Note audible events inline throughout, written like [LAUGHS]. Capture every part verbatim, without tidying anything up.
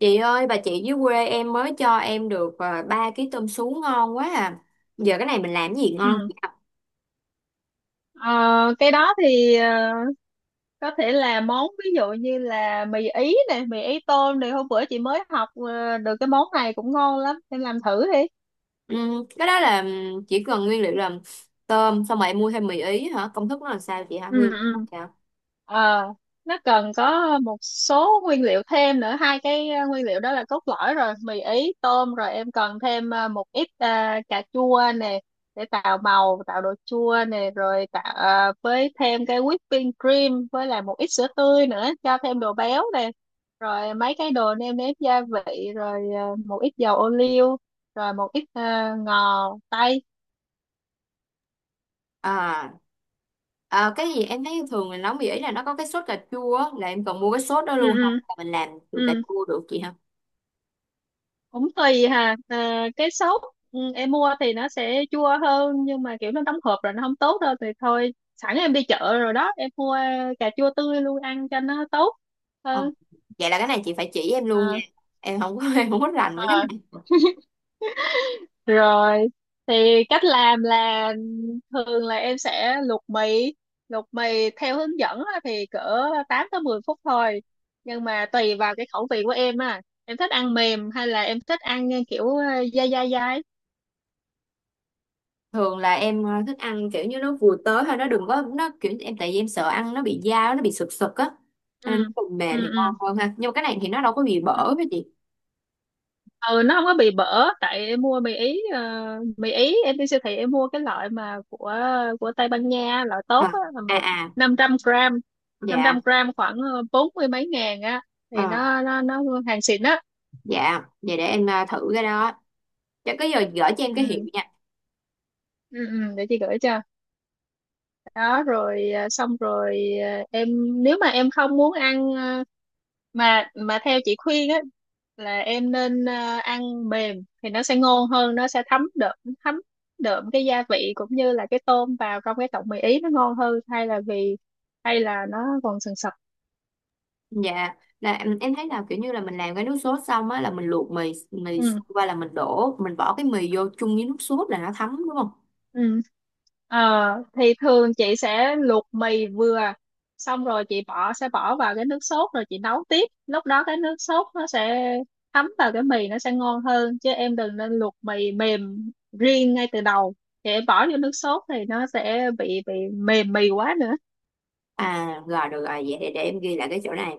Chị ơi, bà chị dưới quê em mới cho em được à, ba ký tôm sú ngon quá à. Giờ cái này mình làm cái gì ngon Ừ. chị ạ? Ờ, cái đó thì ờ, có thể là món ví dụ như là mì ý này, mì ý tôm này hôm bữa chị mới học ờ, được cái món này cũng ngon lắm, em làm thử đi. Ừm, cái đó là ừm, chỉ cần nguyên liệu là tôm, xong rồi em mua thêm mì ý hả? Công thức nó là sao chị hả? Ừ. Nguyên liệu nó Ừ. sao? Ờ, nó cần có một số nguyên liệu thêm nữa, hai cái ờ, nguyên liệu đó là cốt lõi rồi, mì ý tôm, rồi em cần thêm ờ, một ít ờ, cà chua nè, để tạo màu tạo độ chua nè, rồi tạo ờ, với thêm cái whipping cream với lại một ít sữa tươi nữa cho thêm đồ béo nè, rồi mấy cái đồ nêm nếm gia vị, rồi ờ, một ít dầu ô liu, rồi một ít ờ, ngò tây. À, à, cái gì, em thấy thường mình nấu mì ý là nó có cái sốt cà chua á, là em cần mua cái sốt đó Ừ. luôn không? Ừ. Là mình làm từ cà Ừ. chua được chị hả? Cũng tùy hà, à, cái sốt. Ừ, em mua thì nó sẽ chua hơn, nhưng mà kiểu nó đóng hộp rồi nó không tốt đâu, thì thôi sẵn em đi chợ rồi đó em mua cà chua tươi luôn ăn cho nó tốt Ờ, hơn. vậy là cái này chị phải chỉ em luôn nha. Ờ. Em không có [LAUGHS] em không có rành với cái Ờ. này. Rồi thì cách làm là thường là em sẽ luộc mì luộc mì theo hướng dẫn á thì cỡ tám tới mười phút thôi, nhưng mà tùy vào cái khẩu vị của em. À em thích ăn mềm hay là em thích ăn kiểu dai dai dai. Thường là em ờ, thích ăn kiểu như nó vừa tới thôi, nó đừng có, nó kiểu em tại vì em sợ ăn nó bị dao, nó bị sực sực á. Cho Ừ. nên nó còn Ừ. mềm thì Ừ. ngon hơn ha, nhưng mà cái này thì nó đâu có bị Ừ. bở với chị. Ừ, nó không có bị bở, tại em mua mì ý, ờ, mì ý em đi siêu thị em mua cái loại mà của của Tây Ban Nha loại À, tốt á, là à, một à, năm trăm gram, năm dạ, trăm gram khoảng ờ, bốn mươi mấy ngàn á, thì à, nó nó nó hàng xịn á. dạ vậy để em ờ, thử cái đó, cho cái, giờ gửi cho em cái hiệu Ừ. nha. Ừ. Ừ, để chị gửi cho. Đó, rồi, à, xong rồi, à, em nếu mà em không muốn ăn, à, mà mà theo chị khuyên á, là em nên à, ăn mềm thì nó sẽ ngon hơn, nó sẽ thấm đượm, thấm đượm cái gia vị cũng như là cái tôm vào trong cái tọng mì ý nó ngon hơn, hay là vì hay là nó còn sần sật. Dạ, là em, em thấy là kiểu như là mình làm cái nước sốt xong á, là mình luộc mì mì Ừ. qua, là mình đổ, mình bỏ cái mì vô chung với nước sốt là nó thấm đúng không? Ừ. Ờ, thì thường chị sẽ luộc mì vừa, xong rồi chị bỏ sẽ bỏ vào cái nước sốt, rồi chị nấu tiếp, lúc đó cái nước sốt nó sẽ thấm vào cái mì nó sẽ ngon hơn. Chứ em đừng nên luộc mì mềm riêng ngay từ đầu, chị bỏ vô nước sốt thì nó sẽ bị bị mềm mì quá nữa. À, rồi được rồi, vậy để, để em ghi lại cái chỗ này.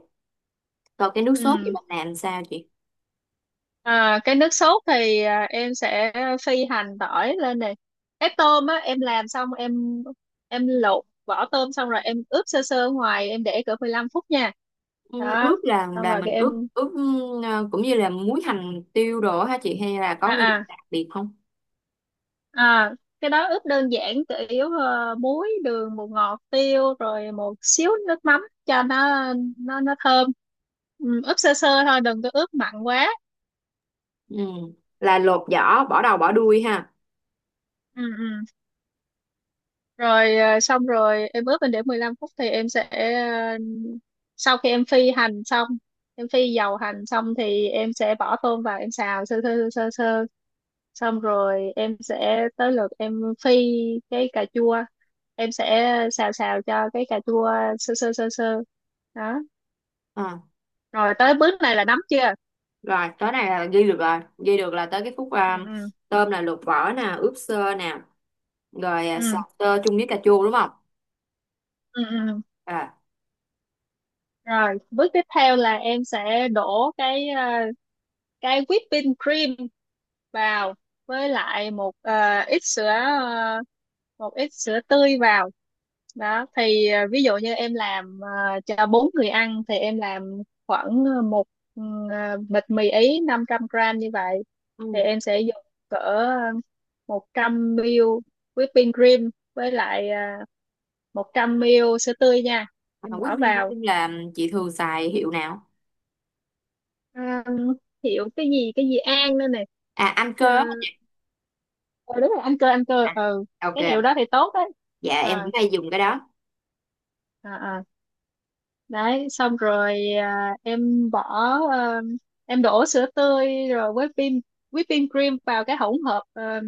Còn cái nước sốt thì Ừ. mình làm sao chị? À, cái nước sốt thì à, em sẽ phi hành tỏi lên này. Cái tôm á em làm xong em, em lột vỏ tôm xong rồi em ướp sơ sơ ngoài, em để cỡ mười lăm phút nha. Ừ, Đó. ướp là Xong là rồi cái mình ướp em. ướp Ờ, cũng như là muối, hành, tiêu, đồ hả chị, hay là à có nguyên liệu à đặc biệt không? à cái đó ướp đơn giản, chủ yếu ờ, muối, đường, bột ngọt, tiêu rồi một xíu nước mắm cho nó, nó nó thơm. Ừ, ướp sơ sơ thôi đừng có ướp mặn quá. Ừ. Là lột vỏ, bỏ đầu, bỏ đuôi ha? Ừ. Ừ. Rồi, à, xong rồi em ướp lên để mười lăm phút thì em sẽ, à, sau khi em phi hành xong, em phi dầu hành xong thì em sẽ bỏ tôm vào em xào sơ sơ sơ sơ, xong rồi em sẽ tới lượt em phi cái cà chua, em sẽ xào xào cho cái cà chua sơ sơ sơ sơ. Đó, Ờ, rồi tới bước này là nấm chưa. rồi tới này là ghi được rồi, ghi được là tới cái khúc ờ, Ừ. Ừ. tôm là lột vỏ nè, ướp sơ nè, rồi ờ, Ừ. xào tơ chung với cà chua đúng không? Ừ. Ừ. À, Rồi bước tiếp theo là em sẽ đổ cái à, cái whipping cream vào, với lại một, ờ, ít sữa ờ, một ít sữa tươi vào. Đó thì ờ, ví dụ như em làm ờ, cho bốn người ăn thì em làm khoảng ờ, một, ừ, ờ, bịch mì ý năm trăm gram như vậy, thì ừ. em sẽ dùng cỡ một trăm mi li lít whipping cream với lại, uh, một trăm mi li lít sữa tươi nha. À, Em Quyết bỏ Minh vào, Vương là chị thường xài hiệu nào? à, hiệu cái gì, cái gì An nữa nè. À, anh Ờ, cơ á. ờ, Đúng rồi, anh cơ, anh cơ. Ừ, À, ok, cái hiệu đó thì tốt đấy. dạ em cũng Ờ. hay dùng cái đó. À. À. Đấy, xong rồi, à, em bỏ, ờ, em đổ sữa tươi rồi với pin whipping cream vào cái hỗn hợp ờ,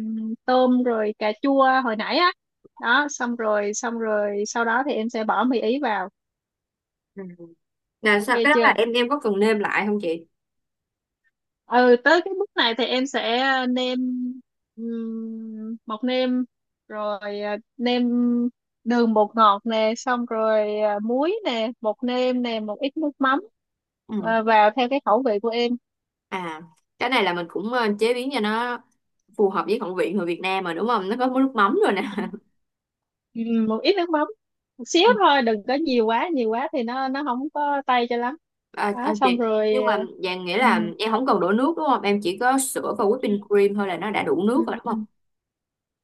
tôm rồi cà chua hồi nãy á. Đó, xong rồi, xong rồi, sau đó thì em sẽ bỏ mì ý vào. Ừ. Là Ok sao, cái đó là chưa. em, em có cần nêm lại không chị? Ừ, tới cái bước này thì em sẽ nêm, um, bột nêm, rồi à, nêm đường bột ngọt nè, xong rồi à, muối nè, bột nêm nè, một ít nước mắm, Ừ. à, vào theo cái khẩu vị của em. À, cái này là mình cũng ờ, chế biến cho nó phù hợp với khẩu vị người Việt Nam mà đúng không? Nó có món nước mắm rồi nè. [LAUGHS] Ừ, một ít nước mắm, một xíu Ừ. thôi đừng có nhiều quá, nhiều quá thì nó nó không có tay cho lắm. À, Đó, à, xong chị, rồi. nhưng mà ờ, dạng nghĩa là ừ. em không cần đổ nước đúng không? Em chỉ có sữa và whipping cream thôi là nó đã đủ nước Ừ. rồi đúng không? Ừ.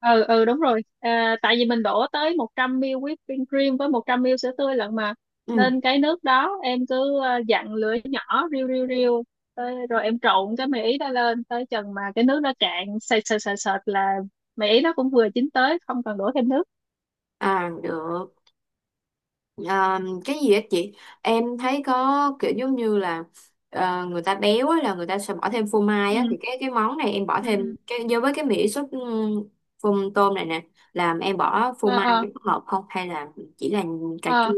Ừ. Ừ, đúng rồi, à, tại vì mình đổ tới một trăm mi li lít whipping cream với một trăm mi li lít sữa tươi lận mà, Ừ. nên cái nước đó em cứ ờ, dặn lửa nhỏ riu riu riu tới, rồi em trộn cái mì ý đó lên tới chừng mà cái nước nó cạn sệt sệt sệt sệt là mì ý nó cũng vừa chín tới, không cần đổ thêm nước. À được. À, cái gì á chị? Em thấy có kiểu giống như là ờ, người ta béo á, là người ta sẽ bỏ thêm phô mai á, Ừ. thì cái cái món này em bỏ thêm Ừ. cái do với cái mỹ sốt, ừm, phô tôm này nè, làm em bỏ phô Ờ. mai Ờ. nó có hợp không, hay là chỉ là cà chua? Ờ.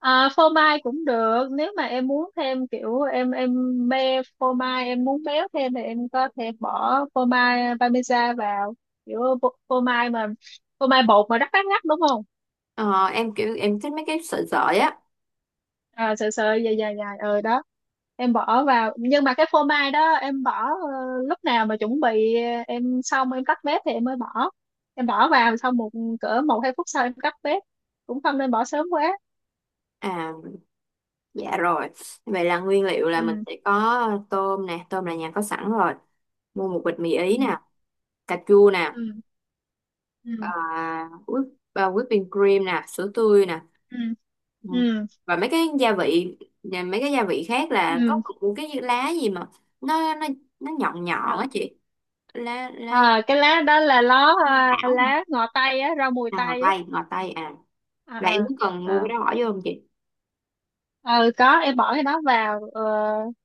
À, phô mai cũng được, nếu mà em muốn thêm kiểu em, em mê phô mai, em muốn béo thêm thì em có thể bỏ phô mai parmesan vào, kiểu phô, phô mai mà, phô mai bột mà rắc rắc rắc đúng không. Ờ, em kiểu em thích mấy cái sợi sợi á. À, sợi sợi dài dài dài ờ đó, em bỏ vào, nhưng mà cái phô mai đó em bỏ ờ, lúc nào mà chuẩn bị ờ, em xong em tắt bếp thì em mới bỏ, em bỏ vào xong, một cỡ một hai phút sau em tắt bếp, cũng không nên bỏ sớm quá. À, dạ rồi. Vậy là nguyên liệu là Ừ. mình sẽ có tôm nè, tôm là nhà có sẵn rồi, mua một bịch mì Ừ. ý nè, cà chua nè, Ừ. Ừ. à, whip, à, whipping cream nè, sữa tươi nè. Ừ. Ừ. Ừ. Ừ. Và mấy cái gia vị, và mấy cái gia vị khác là có Ừ. một cái lá gì mà nó nó nó nhọn nhọn á à, chị, lá lá à, cái lá đó là ló, à, thảo hả? lá ngò tây á, rau mùi À, ngò tây á. tây ngò tây à, À. là em cũng cần mua À. cái À. đó bỏ vô không chị? Ừ, có, em bỏ cái đó vào ờ,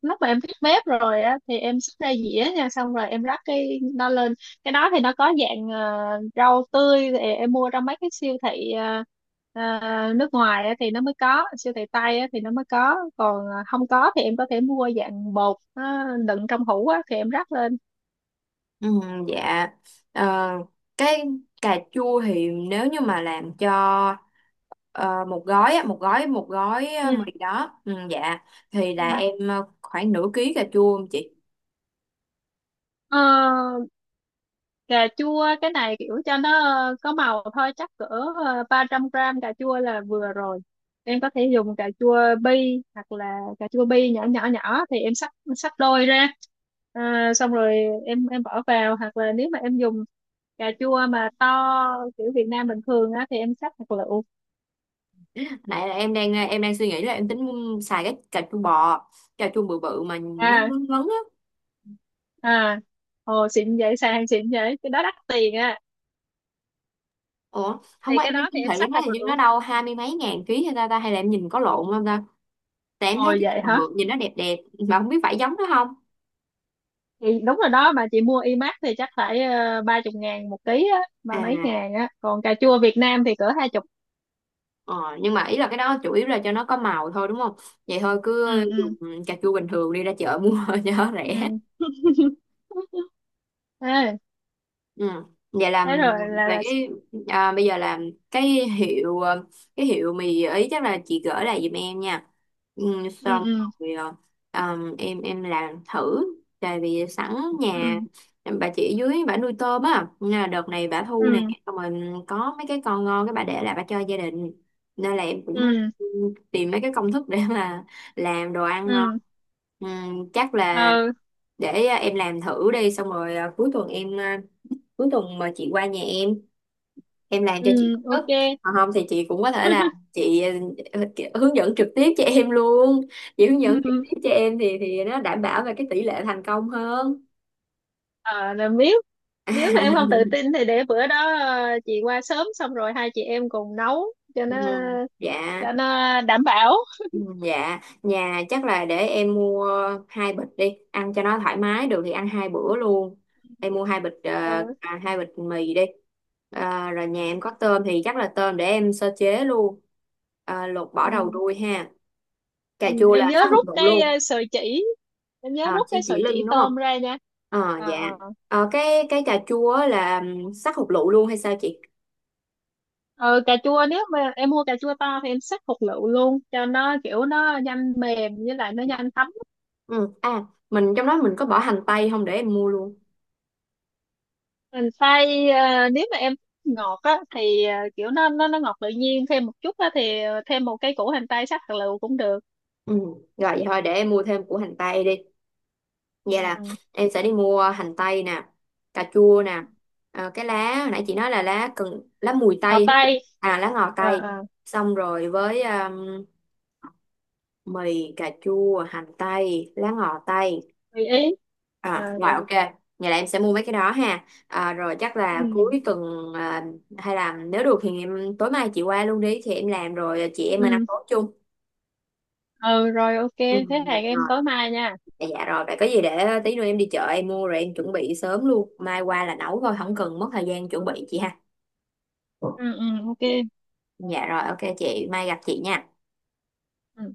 lúc mà em tắt bếp rồi á, thì em xúc ra dĩa nha, xong rồi em rắc cái đó lên. Cái đó thì nó có dạng ờ, rau tươi thì em mua trong mấy cái siêu thị ờ, ờ, nước ngoài á, thì nó mới có, siêu thị Tây á, thì nó mới có, còn ờ, không có thì em có thể mua dạng bột nó đựng trong hũ á, thì em rắc lên. Ừ, dạ. Ờ, cái cà chua thì nếu như mà làm cho ờ, một gói á, một gói một gói ờ, Ừ. mì đó, ừ, dạ, thì là Ừ. em ờ, khoảng nửa ký cà chua không chị? Ờ, Cà chua cái này kiểu cho nó ờ, có màu thôi, chắc cỡ ờ, ba trăm gram cà chua là vừa rồi. Em có thể dùng cà chua bi, hoặc là cà chua bi nhỏ nhỏ nhỏ thì em cắt, cắt đôi ra. À, xong rồi em em bỏ vào, hoặc là nếu mà em dùng cà chua mà to kiểu Việt Nam bình thường á thì em cắt hạt lựu. Nãy là em đang em đang suy nghĩ là em tính xài cái cà chua bò, cà chua bự bự mà nó À, ngấn ngấn á. à, ồ, xịn vậy, sàng xịn vậy, cái đó đắt tiền á. Ủa, Thì không có, cái em thấy đó thì siêu em thị, em cắt thấy hạt hình như nó lựu. đâu hai mươi mấy ngàn ký, hay ta ta hay là em nhìn có lộn không ta? Tại em Ồ, thấy cái vậy bự hả? bự nhìn nó đẹp đẹp, mà không biết phải giống nó không. Thì đúng rồi đó, mà chị mua imac thì chắc phải ờ, ba chục ngàn một ký á, ba mấy À. ngàn á, còn cà chua Việt Nam thì cỡ hai chục. Ờ, nhưng mà ý là cái đó chủ yếu là cho nó có màu thôi đúng không? Vậy thôi cứ Ừ. Ừ. dùng cà chua bình thường đi, ra chợ mua [LAUGHS] cho nó Ừ. rẻ. [LAUGHS] Ê, Ừ. Vậy là thế rồi là về là cái, à, bây giờ là cái hiệu, ờ, cái hiệu mì ý chắc là chị gửi lại giùm em nha, ừ, Ừ. xong Ừ. rồi ờ, ờm, em em làm thử, tại vì sẵn nhà Ừ. em- bà chị dưới, bà nuôi tôm á nên là đợt này bà thu Ừ. nè, xong rồi có mấy cái con ngon cái bà để lại, bà cho gia đình, nên là em Ừ. cũng Ừ. tìm mấy cái công thức để mà làm đồ ăn ngon. Ừ. Ừ, chắc là Ờ. để à, em làm thử đi, xong rồi à, cuối tuần em, ờ, cuối tuần mà chị qua nhà em em làm cho chị Ừ, cất. ok. Còn không thì chị cũng có thể là chị ờ, kiểu hướng dẫn trực tiếp cho em luôn, chị hướng dẫn trực tiếp cho [LAUGHS] em thì thì nó đảm bảo về cái tỷ lệ thành công hơn. ờ là biết. Nếu mà em không tự [LAUGHS] tin thì để bữa đó ờ, chị qua sớm xong rồi hai chị em cùng nấu cho Ừ, nó dạ. cho nó đảm bảo. Ừ, dạ nhà chắc là để em mua hai bịch đi ăn cho nó thoải mái, được thì ăn hai bữa luôn, em mua hai bịch ờ, Ừ. à, hai bịch mì đi. Ờ, rồi nhà em có tôm thì chắc là tôm để em sơ chế luôn. Ờ, lột bỏ đầu Ừ. đuôi ha, cà Ừ, chua em là nhớ sát hợp rút dụng cái luôn. ờ, sợi chỉ em nhớ À, rút cái chỉ sợi chỉ chỉ lưng đúng không? tôm ra nha. Ờ À. dạ. Ờ. Ờ, cái cái cà chua á là ừm, sát hột lựu luôn hay sao chị? Ờ, cà chua nếu mà em mua cà chua to thì em xắt hột lựu luôn, cho nó kiểu nó nhanh mềm với lại nó nhanh thấm. Ừ à, mình trong đó mình có bỏ hành tây không, để em mua luôn? Mình xay, ờ, nếu mà em thích ngọt á thì ờ, kiểu nó nó nó ngọt tự nhiên thêm một chút á thì ờ, thêm một cái củ hành tây xắt hạt lựu cũng được. Ừ, rồi vậy thôi để em mua thêm củ hành tây đi. Vậy Ừ. là Ừ. em sẽ đi mua hành tây nè, cà chua nè, ờ, cái lá hồi nãy chị nói là lá cần, lá mùi Ngò tây. tây. À, lá ngò ờ tây. ờ Xong rồi với ừm, mì, cà chua, hành tây, lá ngò tây. Tùy ý. Ờ, À, rồi được. ok. Vậy là em sẽ mua mấy cái đó ha. À, rồi chắc là Ừ. cuối tuần, à, hay là nếu được thì em, tối mai chị qua luôn đi thì em làm, rồi à, chị em mình ăn Ừ. tối chung. Ừ, rồi, ok, Ừ, thế dạ hẹn em rồi. tối mai nha. Dạ, dạ rồi. Vậy có gì để tí nữa em đi chợ em mua rồi em chuẩn bị sớm luôn. Mai qua là nấu thôi, không cần mất thời gian chuẩn bị chị ha. Ừ. Ừ, ok. Dạ rồi, ok chị. Mai gặp chị nha. Ừ.